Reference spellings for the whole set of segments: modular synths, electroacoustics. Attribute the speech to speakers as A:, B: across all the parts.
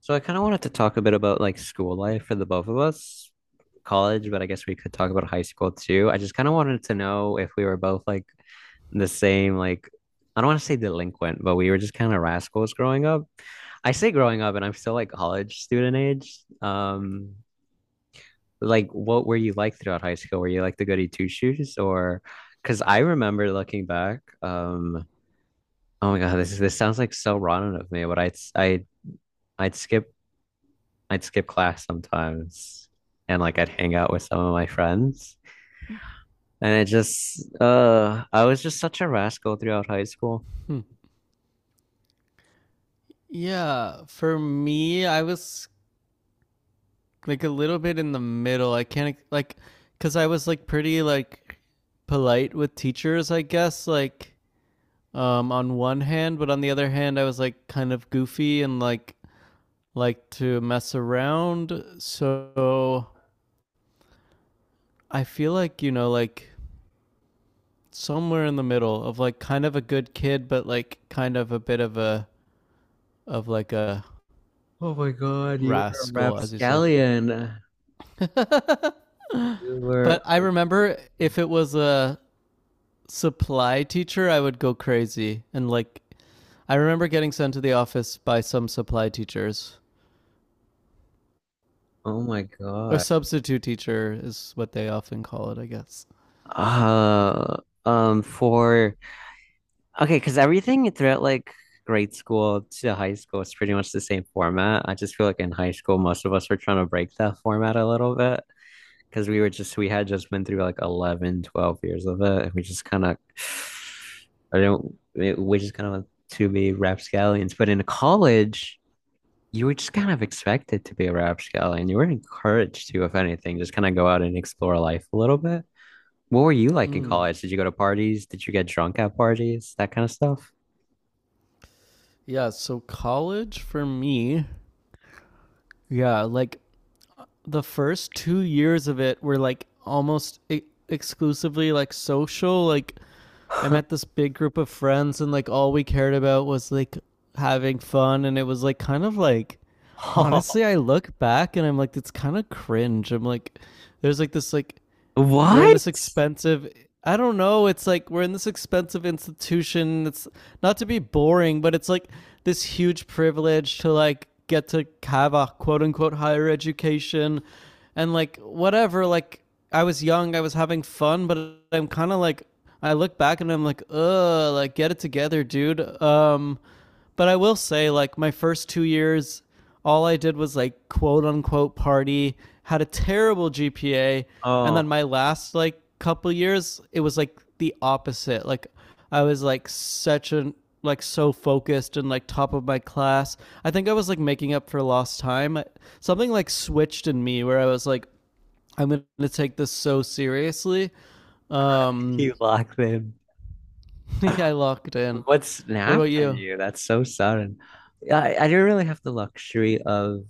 A: So I kind of wanted to talk a bit about like school life for the both of us, college, but I guess we could talk about high school too. I just kind of wanted to know if we were both like the same, like I don't want to say delinquent, but we were just kind of rascals growing up. I say growing up, and I'm still like college student age. Like what were you like throughout high school? Were you like the goody two shoes? Or because I remember looking back, oh my God, this sounds like so rotten of me, but I'd skip I'd skip class sometimes and like I'd hang out with some of my friends. And it just, I was just such a rascal throughout high school.
B: Yeah, for me, I was like a little bit in the middle. I can't like cuz I was like pretty like polite with teachers, I guess, like on one hand, but on the other hand, I was like kind of goofy and like to mess around. So I feel like, you know, like somewhere in the middle of like kind of a good kid but like kind of a bit of a of like a
A: Oh my God, you were a
B: rascal as you say.
A: rapscallion. You were,
B: But I remember if it was a supply teacher, I would go crazy. And like, I remember getting sent to the office by some supply teachers,
A: oh my
B: or
A: God.
B: substitute teacher is what they often call it, I guess.
A: Uh, um, for, okay, because everything throughout like grade school to high school is pretty much the same format. I just feel like in high school, most of us were trying to break that format a little bit, because we had just been through like 11, 12 years of it, and we just kind of, I don't we just kind of like to be rapscallions. But in college you were just kind of expected to be a rapscallion. You were encouraged to, if anything, just kind of go out and explore life a little bit. What were you like in
B: Mm.
A: college? Did you go to parties? Did you get drunk at parties, that kind of stuff?
B: Yeah, so college for me, yeah, like the first 2 years of it were like almost exclusively like social, like I met this big group of friends and like all we cared about was like having fun and it was like kind of like
A: Oh,
B: honestly I look back and I'm like it's kind of cringe. I'm like there's like this like we're in
A: what?
B: this expensive I don't know, it's like we're in this expensive institution. It's not to be boring, but it's like this huge privilege to like get to have a quote unquote higher education and like whatever, like I was young, I was having fun, but I'm kind of like I look back and I'm like, "Ugh, like get it together, dude." But I will say like my first 2 years all I did was like quote unquote party, had a terrible GPA, and
A: Oh,
B: then my last like couple years, it was like the opposite. Like I was like such an like so focused and like top of my class. I think I was like making up for lost time. Something like switched in me where I was like I'm going to take this so seriously. Um
A: you locked in.
B: yeah, I locked in.
A: What
B: What
A: snapped
B: about
A: at
B: you?
A: you? That's so sudden. Yeah, I didn't really have the luxury of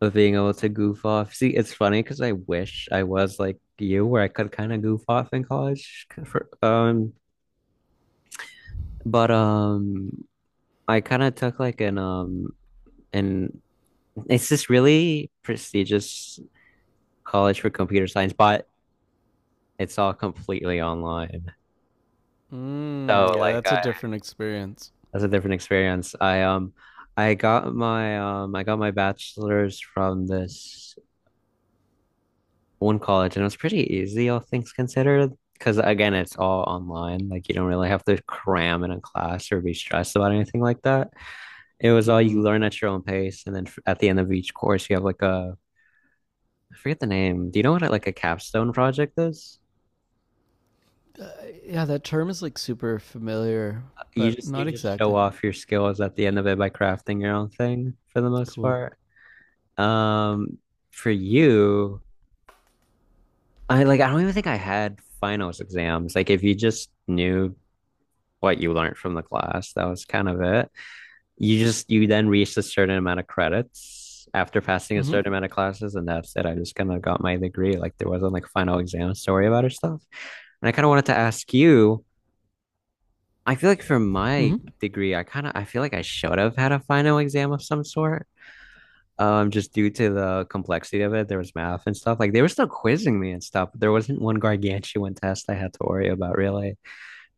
A: being able to goof off. See, it's funny because I wish I was like you, where I could kind of goof off in college. For, but I kind of took like an and it's this really prestigious college for computer science, but it's all completely online.
B: Mm,
A: So
B: yeah,
A: like
B: that's a different experience.
A: that's a different experience. I got my I got my bachelor's from this one college and it was pretty easy, all things considered. Because again, it's all online. Like you don't really have to cram in a class or be stressed about anything like that. It was all
B: Mm.
A: you learn at your own pace, and then at the end of each course, you have like a, I forget the name. Do you know what like a capstone project is?
B: Yeah, that term is like super familiar,
A: You
B: but
A: just
B: not
A: show
B: exactly.
A: off your skills at the end of it by crafting your own thing for the most
B: Cool.
A: part. Um, for you. I like, I don't even think I had finals exams. Like if you just knew what you learned from the class, that was kind of it. You then reached a certain amount of credits after passing a
B: Mhm.
A: certain amount of classes, and that's it. I just kind of got my degree. Like there wasn't like final exam story about or stuff. And I kind of wanted to ask you, I feel like for my
B: Mhm.
A: degree, I kind of I feel like I should have had a final exam of some sort. Just due to the complexity of it, there was math and stuff. Like they were still quizzing me and stuff, but there wasn't one gargantuan test I had to worry about really.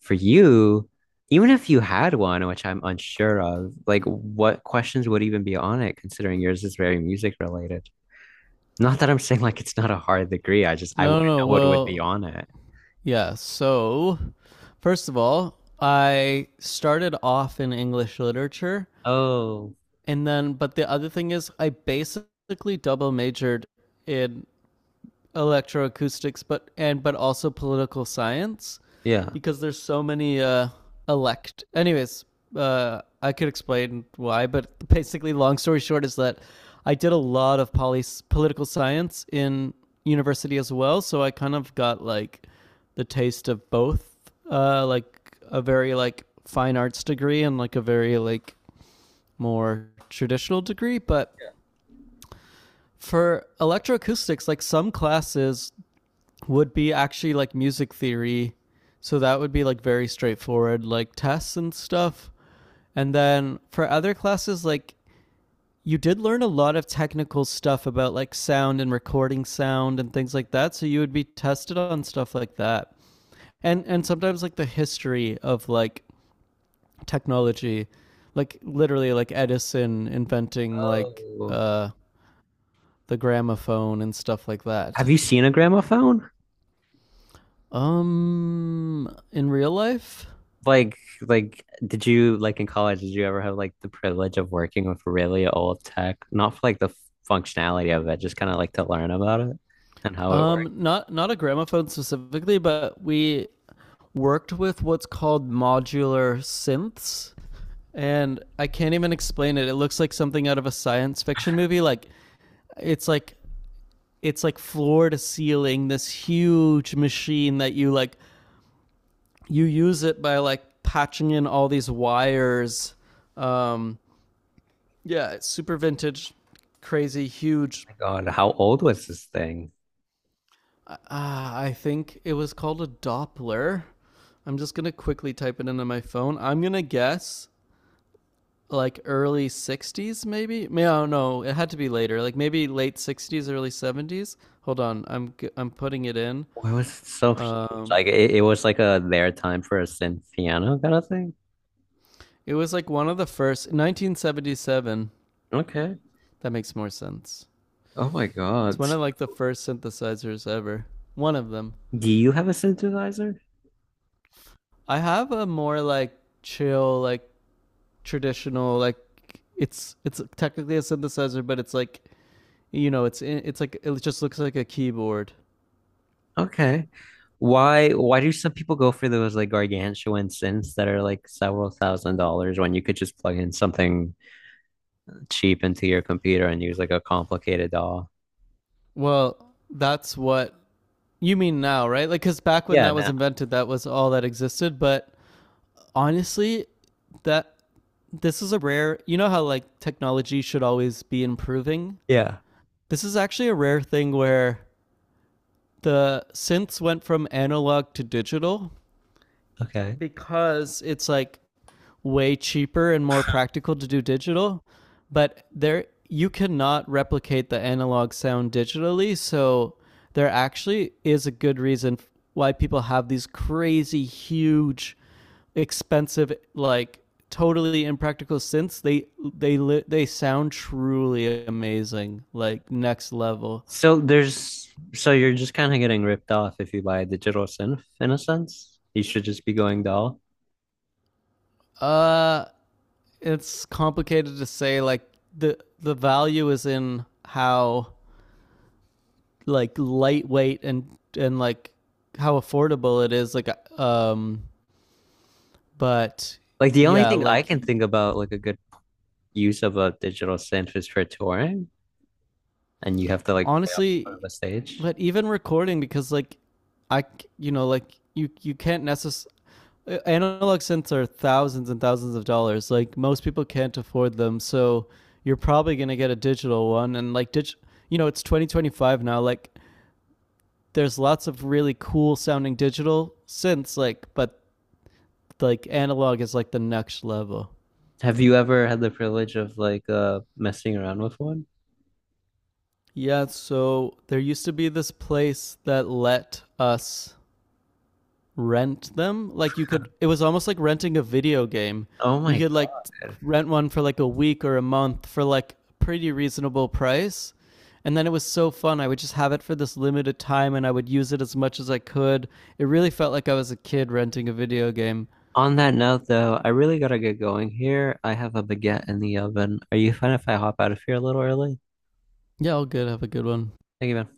A: For you, even if you had one, which I'm unsure of, like what questions would even be on it, considering yours is very music related? Not that I'm saying like it's not a hard degree. I just, I
B: No,
A: wouldn't
B: no. no.
A: know what would be, mm,
B: Well,
A: on it.
B: yeah. So, first of all, I started off in English literature,
A: Oh,
B: and then but the other thing is I basically double majored in electroacoustics, but and but also political science,
A: yeah.
B: because there's so many elect. Anyways, I could explain why, but basically, long story short is that I did a lot of political science in university as well, so I kind of got like the taste of both, like a very like fine arts degree and like a very like more traditional degree, but for electroacoustics, like some classes, would be actually like music theory. So that would be like very straightforward, like tests and stuff. And then for other classes, like you did learn a lot of technical stuff about like sound and recording sound and things like that. So you would be tested on stuff like that. And sometimes like the history of like technology, like literally like Edison inventing like
A: Oh.
B: the gramophone and stuff like that.
A: Have you seen a gramophone?
B: In real life,
A: Like did you, like in college did you ever have like the privilege of working with really old tech, not for like the functionality of it, just kind of like to learn about it and how it worked?
B: Not not a gramophone specifically, but we worked with what's called modular synths, and I can't even explain it. It looks like something out of a science fiction movie. Like it's like it's like floor to ceiling, this huge machine that you like you use it by like patching in all these wires. Um, yeah, it's super vintage, crazy,
A: Oh
B: huge.
A: my God, how old was this thing?
B: I think it was called a Doppler. I'm just gonna quickly type it into my phone. I'm gonna guess like early '60s, maybe. No, no, it had to be later. Like maybe late '60s, early '70s. Hold on, I'm putting it in.
A: Why was it so huge?
B: Um,
A: Like it was like a, their time for a synth piano kind of thing.
B: it was like one of the first 1977.
A: Okay.
B: That makes more sense.
A: Oh my
B: It's
A: God.
B: one of like the first synthesizers ever. One of them.
A: Do you have a synthesizer?
B: I have a more like chill, like traditional like it's technically a synthesizer, but it's like you know it's like it just looks like a keyboard.
A: Okay, why do some people go for those like gargantuan synths that are like several thousand dollars, when you could just plug in something cheap into your computer and use like a complicated doll?
B: Well, that's what you mean now, right? Like because back when
A: Yeah,
B: that was
A: no.
B: invented, that was all that existed. But honestly, that this is a rare. You know how like technology should always be improving.
A: Yeah.
B: This is actually a rare thing where the synths went from analog to digital
A: Okay.
B: because it's like way cheaper and more practical to do digital, but there you cannot replicate the analog sound digitally, so there actually is a good reason why people have these crazy huge expensive like totally impractical synths. They they sound truly amazing, like next level.
A: So there's, so you're just kind of getting ripped off if you buy a digital synth in a sense. You should just be going doll.
B: Uh it's complicated to say like the value is in how like lightweight and like how affordable it is like um but
A: Like the only
B: yeah
A: thing I
B: like
A: can think about like a good use of a digital synth is for touring and you have to like play up in front of
B: honestly
A: a stage.
B: but even recording because like I you know like you can't necessarily analog synths are thousands and thousands of dollars like most people can't afford them so you're probably going to get a digital one and you know it's 2025 now like there's lots of really cool sounding digital synths like but like analog is like the next level.
A: Have you ever had the privilege of like, uh, messing around with one?
B: Yeah, so there used to be this place that let us rent them. Like you could it was almost like renting a video game.
A: Oh my
B: You could like
A: God.
B: rent one for like a week or a month for like a pretty reasonable price. And then it was so fun. I would just have it for this limited time and I would use it as much as I could. It really felt like I was a kid renting a video game.
A: On that note, though, I really gotta get going here. I have a baguette in the oven. Are you fine if I hop out of here a little early?
B: Yeah, all good. Have a good one.
A: Thank you, man.